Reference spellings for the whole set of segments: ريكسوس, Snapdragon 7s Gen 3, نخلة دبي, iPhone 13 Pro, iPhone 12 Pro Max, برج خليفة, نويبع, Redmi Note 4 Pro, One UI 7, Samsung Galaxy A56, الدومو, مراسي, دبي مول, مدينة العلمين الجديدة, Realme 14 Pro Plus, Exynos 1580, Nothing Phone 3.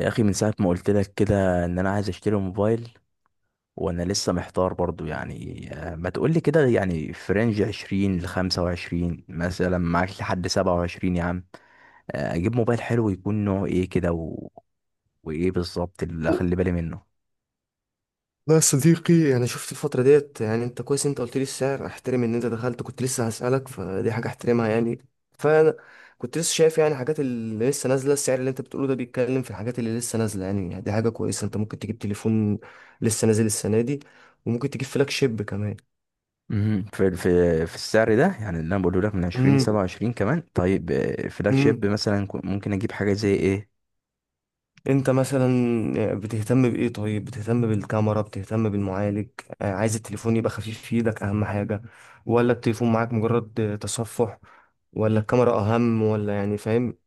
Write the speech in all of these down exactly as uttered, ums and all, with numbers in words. يا اخي، من ساعه ما قلت لك كده ان انا عايز اشتري موبايل، وانا لسه محتار برضو يعني، آه، ما تقول لي كده يعني في رينج عشرين ل خمسة وعشرين مثلا معاك لحد سبعة وعشرين يا عم. آه، اجيب موبايل حلو يكون نوعه ايه كده و... وايه بالظبط اللي لا، اخلي بالي منه؟ يا صديقي. يعني شفت الفترة ديت، يعني انت كويس، انت قلت لي السعر، احترم ان انت دخلت كنت لسه هسألك، فدي حاجة احترمها يعني. فانا كنت لسه شايف يعني حاجات اللي لسه نازلة. السعر اللي انت بتقوله ده بيتكلم في الحاجات اللي لسه نازلة، يعني دي حاجة كويسة. انت ممكن تجيب تليفون لسه نازل السنة دي، وممكن تجيب فلاج شيب كمان. مهم. في في في السعر ده يعني اللي انا بقوله لك من عشرين ل سبعة وعشرين كمان. طيب، آه، فلاج امم شيب مثلا، كو- ممكن اجيب حاجه زي ايه؟ انت مثلا، آه، بتهتم بايه؟ طيب، بتهتم بالكاميرا، بتهتم بالمعالج؟ آه، عايز التليفون يبقى خفيف في ايدك اهم حاجة، ولا التليفون معاك مجرد آه، تصفح، ولا الكاميرا اهم، ولا يعني، فاهم؟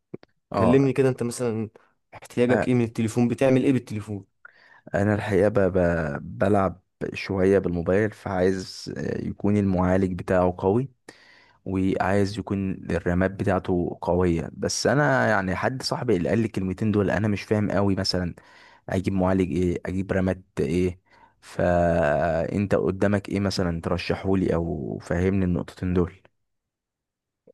اه، كلمني كده انت مثلا، احتياجك ايه من التليفون، بتعمل ايه بالتليفون؟ انا الحقيقه ب... ب... بلعب شويه بالموبايل، فعايز آه، يكون المعالج بتاعه قوي، وعايز يكون الرامات بتاعته قويه. بس انا يعني حد صاحبي اللي قال لي الكلمتين دول، انا مش فاهم قوي. مثلا اجيب معالج ايه، اجيب رامات ايه؟ فانت قدامك ايه مثلا ترشحهولي، او فهمني النقطتين دول؟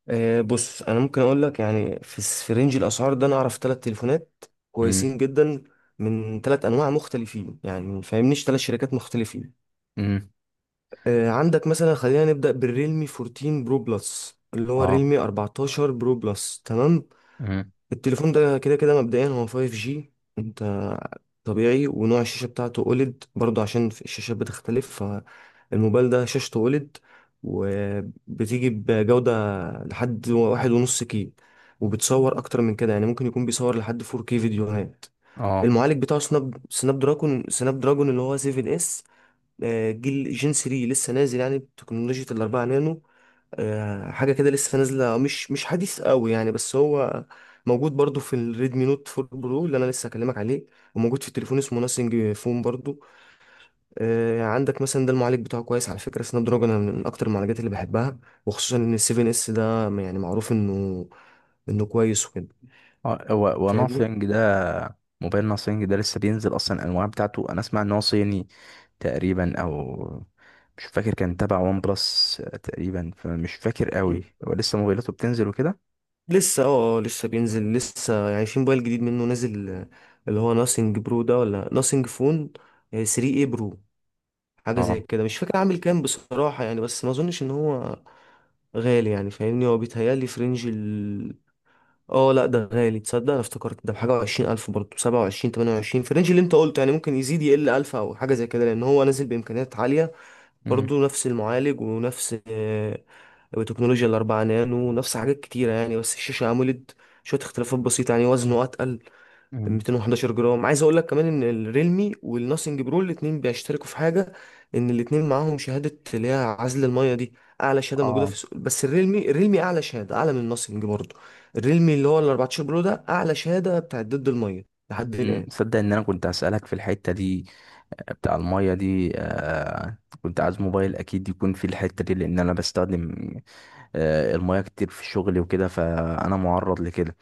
أه بص، انا ممكن اقول لك يعني في الس- في رينج الاسعار ده انا اعرف ثلاث تليفونات امم. كويسين جدا، من ثلاث انواع مختلفين، يعني فاهمنيش ثلاث شركات مختلفين. امم. آه، عندك مثلا، خلينا نبدأ بالريلمي أربعتاشر برو بلس، اللي هو اه. الريلمي أربعتاشر برو بلس، تمام. امم. التليفون ده كده كده مبدئيا هو فايف جي، انت طبيعي، ونوع الشاشة بتاعته او ال اي دي، برضه عشان في الشاشات بتختلف، فالموبايل ده شاشته او ال اي دي وبتيجي بجودة لحد واحد ونص كي، وبتصور أكتر من كده، يعني ممكن يكون بيصور لحد فور كي فيديوهات. اه. المعالج بتاعه سناب سناب دراجون سناب دراجون اللي هو سبعة اس، آه، جيل جين تلاتة لسه نازل، يعني بتكنولوجيا الأربعة نانو، آه، حاجة كده لسه نازلة، آه، مش مش حديث قوي يعني، بس هو موجود برضو في الريدمي نوت أربعة برو اللي أنا لسه هكلمك عليه، وموجود في تليفون اسمه ناسينج فون برضو. آه، عندك مثلا، ده المعالج بتاعه كويس على فكرة، سناب دراجون أنا من أكتر المعالجات اللي بحبها، وخصوصا إن ال سبعة اس ده يعني معروف إنه إنه كويس وكده، فاهمني. وناثينج ده موبايل ناثينج ده لسه بينزل اصلا؟ الانواع بتاعته، انا اسمع ان هو صيني تقريبا، او مش فاكر، كان تبع وان بلس تقريبا، فمش فاكر قوي. هو لسه موبايلاته بتنزل وكده. لسه اه آه، لسه بينزل، لسه يعني في موبايل جديد منه نازل، آه، اللي هو ناسينج برو ده ولا ناسينج فون تلاتة اي برو، حاجه اه. زي كده، مش فاكر عامل كام بصراحه يعني. بس ما اظنش ان هو غالي يعني، فاهمني، هو بيتهيألي في رينج ال، اه لا ده غالي. تصدق انا افتكرت ده بحاجه وعشرين الف، برضه سبعة وعشرين تمانية وعشرين في الرينج اللي انت قلته، يعني ممكن يزيد يقل الف او حاجه زي كده، لان هو نازل بامكانيات عاليه امم. برضه. نفس المعالج، ونفس آه، بتكنولوجيا الأربعة نانو، نفس حاجات كتيرة يعني، بس الشاشة أموليد، شوية اختلافات بسيطة يعني، وزنه أتقل، مم. مية وحداشر جرام. عايز أقول لك كمان إن الريلمي والناسينج برو الاتنين بيشتركوا في حاجة، إن الاتنين معاهم شهادة اللي هي عزل المية دي، أعلى شهادة موجودة في اه. السوق. بس الريلمي، الريلمي أعلى شهادة، أعلى من الناسينج برضه. الريلمي اللي هو ال أربعة عشر برو ده أعلى شهادة بتاعت ضد المية لحد أمم، الآن. تصدق ان انا كنت هسألك في الحتة دي، آه، بتاع المية دي. آه، كنت عايز موبايل اكيد يكون في الحتة دي، لان انا بستخدم آه، المياه كتير في الشغل وكده، فانا معرض لكده.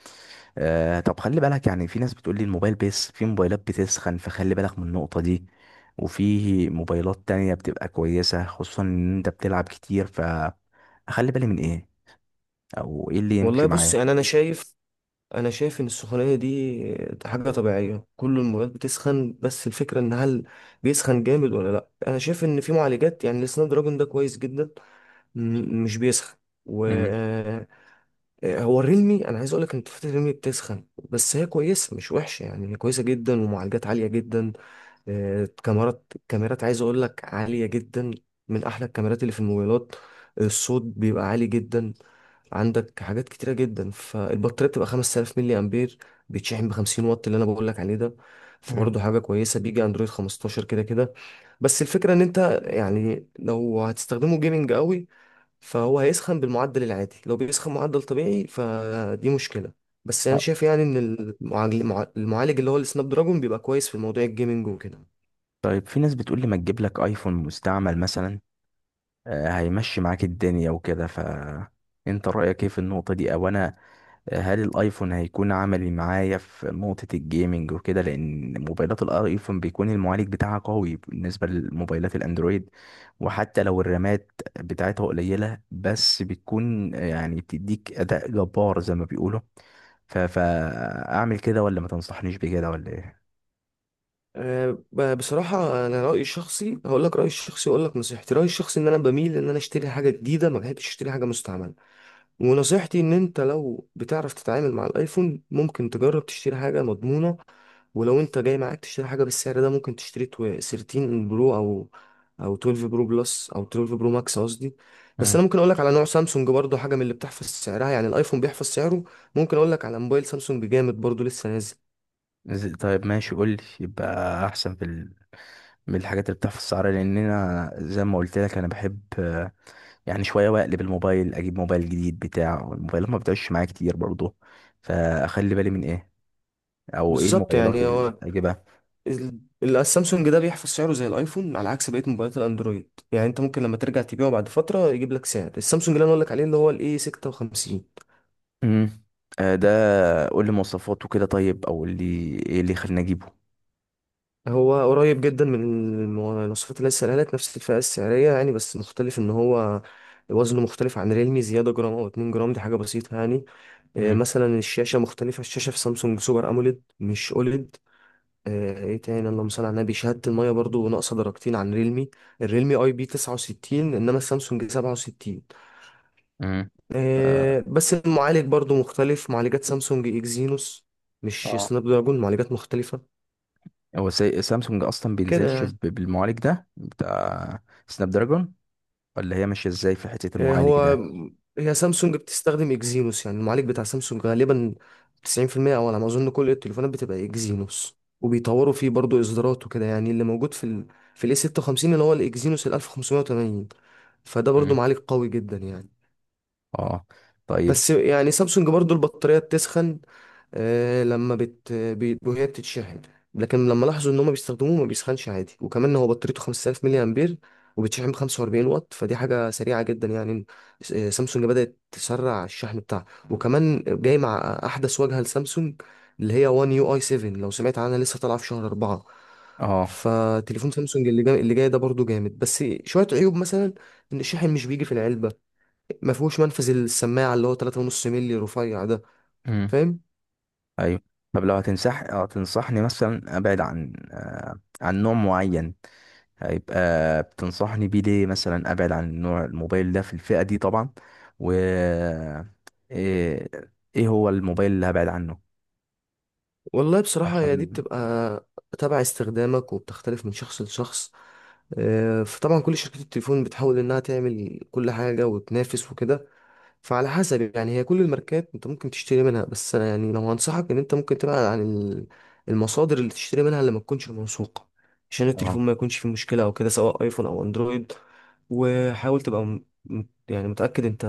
آه، طب خلي بالك، يعني في ناس بتقول لي الموبايل، بس في موبايلات بتسخن، فخلي بالك من النقطة دي. وفي موبايلات تانية بتبقى كويسة، خصوصا ان انت بتلعب كتير، فاخلي بالي من ايه او ايه اللي والله يمشي بص معايا؟ يعني، أنا شايف انا شايف ان السخونيه دي حاجه طبيعيه، كل المواد بتسخن، بس الفكره ان هل بيسخن جامد ولا لا. انا شايف ان في معالجات، يعني السناب دراجون ده كويس جدا، م- مش بيسخن. و امم. آه، هو الريلمي، انا عايز اقول لك ان تفاحه الريلمي بتسخن، بس هي كويسه مش وحشه يعني، هي كويسه جدا، ومعالجات عاليه جدا. آه، كاميرات كاميرات عايز اقول لك عاليه جدا، من احلى الكاميرات اللي في الموبايلات، الصوت بيبقى عالي جدا، عندك حاجات كتيرة جدا. فالبطارية بتبقى خمسة آلاف ملي أمبير، بيتشحن ب خمسين واط اللي أنا بقول لك عليه ده، امم. فبرضه حاجة كويسة، بيجي أندرويد خمستاشر كده كده. بس الفكرة إن أنت يعني لو هتستخدمه جيمنج قوي فهو هيسخن بالمعدل العادي، لو بيسخن معدل طبيعي فدي مشكلة. بس أنا شايف يعني إن المعالج المعالج اللي هو السناب دراجون بيبقى كويس في موضوع الجيمنج وكده. طيب، في ناس بتقول لي ما تجيب لك ايفون مستعمل مثلا، آه، هيمشي معاك الدنيا وكده، فانت رأيك ايه في النقطة دي؟ او انا، هل الايفون هيكون عملي معايا في نقطة الجيمنج وكده؟ لان موبايلات الايفون بيكون المعالج بتاعها قوي بالنسبة لموبايلات الاندرويد، وحتى لو الرامات بتاعتها قليلة بس بتكون يعني بتديك اداء جبار زي ما بيقولوا. ف... فاعمل كده ولا ما تنصحنيش بكده ولا ايه؟ أه، ب- بصراحة أنا رأيي الشخصي، هقول لك رأيي الشخصي وأقول لك نصيحتي، رأيي الشخصي إن أنا بميل إن أنا أشتري حاجة جديدة، ما بحبش أشتري حاجة مستعملة. ونصيحتي ان انت لو بتعرف تتعامل مع الايفون، ممكن تجرب تشتري حاجة مضمونة. ولو انت جاي معاك تشتري حاجة بالسعر ده، ممكن تشتري تو- تلتاشر برو، او او اثنا عشر برو بلس، او اتناشر برو ماكس قصدي. بس مم. انا ممكن اقول لك على نوع سامسونج برضو، حاجة من اللي بتحفظ سعرها يعني، الايفون بيحفظ سعره. ممكن اقول لك على موبايل سامسونج جامد برضو لسه نازل، ز- طيب ماشي، قول لي يبقى احسن في ال... من الحاجات اللي بتحفظ السعر، لان انا زي ما قلت لك انا بحب يعني شوية واقلب الموبايل، اجيب موبايل جديد. بتاع الموبايلات ما بتعيش معايا كتير برضه، فاخلي بالي من ايه او ايه بالظبط الموبايلات يعني. اللي هو اجيبها؟ ال- ال- السامسونج ده بيحفظ سعره زي الايفون، على عكس بقيه موبايلات الاندرويد يعني، انت ممكن لما ترجع تبيعه بعد فتره يجيب لك سعر. السامسونج اللي انا اقول لك عليه اللي هو الاي ستة وخمسين، امم. آه، ده قول لي مواصفاته كده طيب، او قول لي ايه اللي يخليني اجيبه؟ هو قريب جدا من المواصفات اللي لسه قالت، نفس الفئة السعرية يعني، بس مختلف ان هو وزنه مختلف عن ريلمي زيادة جرام او اتنين جرام، دي حاجة بسيطة يعني. آه، امم. مثلا الشاشة مختلفة، الشاشة في سامسونج سوبر اموليد مش اوليد. آه، ايه تاني؟ اللهم صل على النبي. شهادة المية برضو ناقصة درجتين عن ريلمي، الريلمي اي بي تسعة وستين انما السامسونج سبعة وستين. امم. آه، بس المعالج برضو مختلف، معالجات سامسونج اكزينوس، مش اه. سناب دراجون، معالجات مختلفة هو سا- سامسونج اصلا كده بينزلش يعني. ب- بالمعالج ده بتاع سناب دراجون، ولا هي ماشيه ازاي في حته آه، المعالج هو، ده؟ هي سامسونج بتستخدم اكزينوس يعني، المعالج بتاع سامسونج غالبا تسعين في المية او على ما اظن كل التليفونات بتبقى اكزينوس، وبيطوروا فيه برضو اصدارات وكده يعني. اللي موجود في ال، في الاي ستة وخمسين اللي هو الاكزينوس ال ألف وخمسمية وتمانين، فده برضو مم. معالج قوي جدا يعني. اه. طيب. بس يعني سامسونج برضو البطارية بتسخن آه، لما بت بي- وهي بتتشحن، لكن لما لاحظوا ان هم بيستخدموه ما بيسخنش عادي، وكمان هو بطاريته خمس آلاف ملي امبير، وبتشحن ب خمسة وأربعين واط، فدي حاجة سريعة جدا يعني. س- آه، سامسونج بدأت تسرع الشحن بتاعها، وكمان جاي مع احدث واجهة لسامسونج اللي هي وان يو اي سبعة، لو سمعت عنها، لسه طالعة في شهر أربعة. اه. فتليفون سامسونج اللي جاي، اللي جاي ده برضو جامد، بس شوية عيوب مثلا ان الشاحن مش بيجي في العلبة، ما فيهوش منفذ السماعه اللي هو ثلاث فاصلة خمسة مللي رفيع ده، فاهم؟ ايوه. طب لو هتنصح اه تنصحني مثلا ابعد عن آه، عن نوع معين، هيبقى بتنصحني بيه ليه؟ مثلا ابعد عن نوع الموبايل ده في الفئة دي طبعا، و ايه إيه هو الموبايل اللي هبعد عنه؟ والله بصراحه هي دي عشان. بتبقى تبع استخدامك، وبتختلف من شخص لشخص. آه، فطبعا كل شركات التليفون بتحاول انها تعمل كل حاجه وتنافس وكده، فعلى حسب يعني هي كل الماركات انت ممكن تشتري منها. بس انا يعني لو هنصحك ان انت ممكن تبعد عن ال- المصادر اللي تشتري منها اللي ما تكونش موثوقة، عشان اه. التليفون ما يكونش فيه مشكلة او كده، سواء ايفون او اندرويد. وحاول تبقى م- م- يعني متأكد انت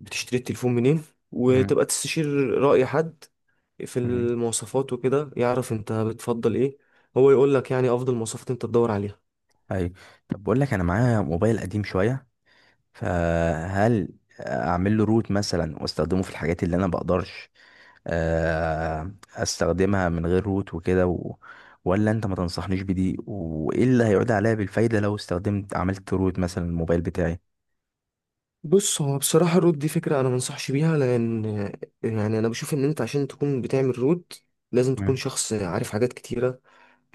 بتشتري التليفون منين، مم. وتبقى تستشير رأي حد في مم. المواصفات وكده، يعرف انت بتفضل ايه، هو يقول لك يعني افضل مواصفات انت تدور عليها. ايوه. طب بقول لك انا معايا موبايل قديم شوية، فهل اعمل له روت مثلا واستخدمه في الحاجات اللي انا بقدرش آه، استخدمها من غير روت وكده، و... ولا انت ما تنصحنيش بدي؟ وايه اللي هيعود عليا بالفايدة لو استخدمت عملت روت مثلا الموبايل بتاعي؟ بص، هو بصراحة الرود دي فكرة أنا منصحش بيها، لأن يعني أنا بشوف إن أنت عشان تكون بتعمل رود لازم تكون مم. شخص عارف حاجات كتيرة،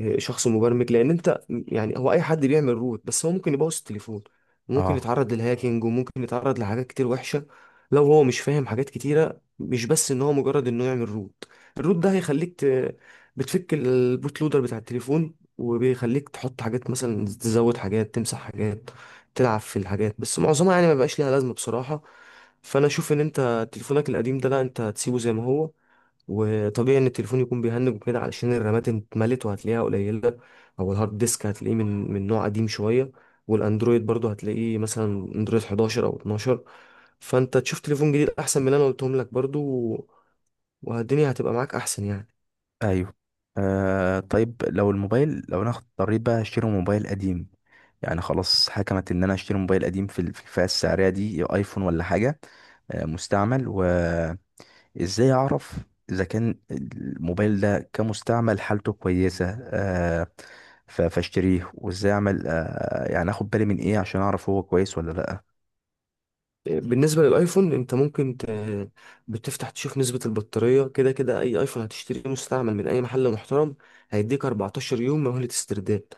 آه، شخص مبرمج. لان انت يعني، هو اي حد بيعمل روت، بس هو ممكن يبوظ التليفون، وممكن اه. يتعرض للهاكينج، وممكن يتعرض لحاجات كتير وحشة لو هو مش فاهم حاجات كتيرة، مش بس ان هو مجرد انه يعمل روت. الروت ده هيخليك ت... بتفك البوت لودر بتاع التليفون، وبيخليك تحط حاجات، مثلا تزود حاجات، تمسح حاجات، تلعب في الحاجات، بس معظمها يعني ما بقاش ليها لازمة بصراحة. فانا اشوف ان انت تليفونك القديم ده، لا، انت هتسيبه زي ما هو، وطبيعي ان التليفون يكون بيهنج وكده علشان الرامات اتملت وهتلاقيها قليله، او الهارد ديسك هتلاقيه من من نوع قديم شويه، والاندرويد برضو هتلاقيه مثلا اندرويد إحداشر او اتناشر. فانت تشوف تليفون جديد احسن من اللي انا قلتهم لك برضو، والدنيا هتبقى معاك احسن يعني. ايوه. آه طيب، لو الموبايل لو انا اضطريت بقى اشتري موبايل قديم، يعني خلاص حكمت ان انا اشتري موبايل قديم في ال- في الفئة السعرية دي، ايفون ولا حاجة، آه مستعمل. و... ازاي اعرف اذا كان الموبايل ده كمستعمل حالته كويسة؟ آه ف- فاشتريه، وازاي اعمل آه يعني اخد بالي من ايه عشان اعرف هو كويس ولا لا؟ بالنسبة للايفون انت ممكن ت... بتفتح تشوف نسبة البطارية، كده كده اي ايفون هتشتريه مستعمل من اي محل محترم هيديك أربعتاشر يوم مهلة استرداد.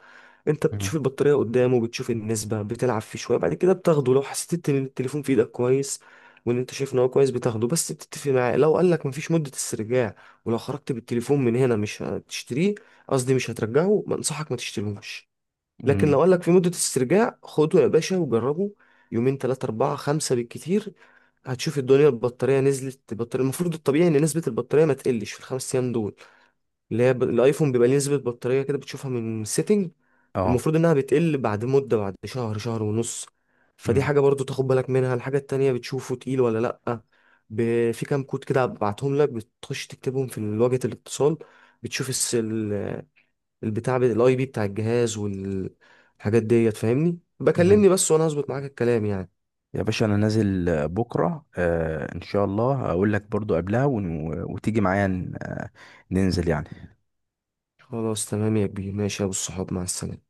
انت بتشوف مم. البطارية قدامه، بتشوف النسبة، بتلعب فيه شوية، بعد كده بتاخده لو حسيت ان التليفون في ايدك كويس، وان انت شايف ان هو كويس بتاخده. بس بتتفق معاه لو قالك مفيش مدة استرجاع، ولو خرجت بالتليفون من هنا مش هتشتريه، قصدي مش هترجعه، بنصحك ما تشتريهوش. لكن مم. لو قال لك في مدة استرجاع، خده يا باشا وجربه يومين تلاتة أربعة خمسة بالكتير، هتشوف الدنيا البطارية نزلت. البطارية المفروض الطبيعي إن نسبة البطارية ما تقلش في الخمس أيام دول، اللي هي ب... الأيفون بيبقى ليه نسبة بطارية كده بتشوفها من سيتنج. اه. المفروض إنها بتقل بعد مدة، بعد شهر شهر ونص، فدي مم. حاجة برضو تاخد بالك منها. الحاجة التانية، بتشوفه تقيل ولا لأ، ب... في كام كود كده بعتهم لك، بتخش تكتبهم في واجهة الاتصال، بتشوف الس... البتاع الاي بي بتاع الجهاز والحاجات ديت، فاهمني؟ مم. بكلمني بس، وانا هظبط معاك الكلام يعني. يا باشا، انا نازل آه، بكرة آه ان شاء الله، اقول لك برضو قبلها ون... وتيجي معايا ن- آه، ننزل يعني. خلاص، تمام يا كبير، ماشي يا ابو الصحاب، مع السلامة.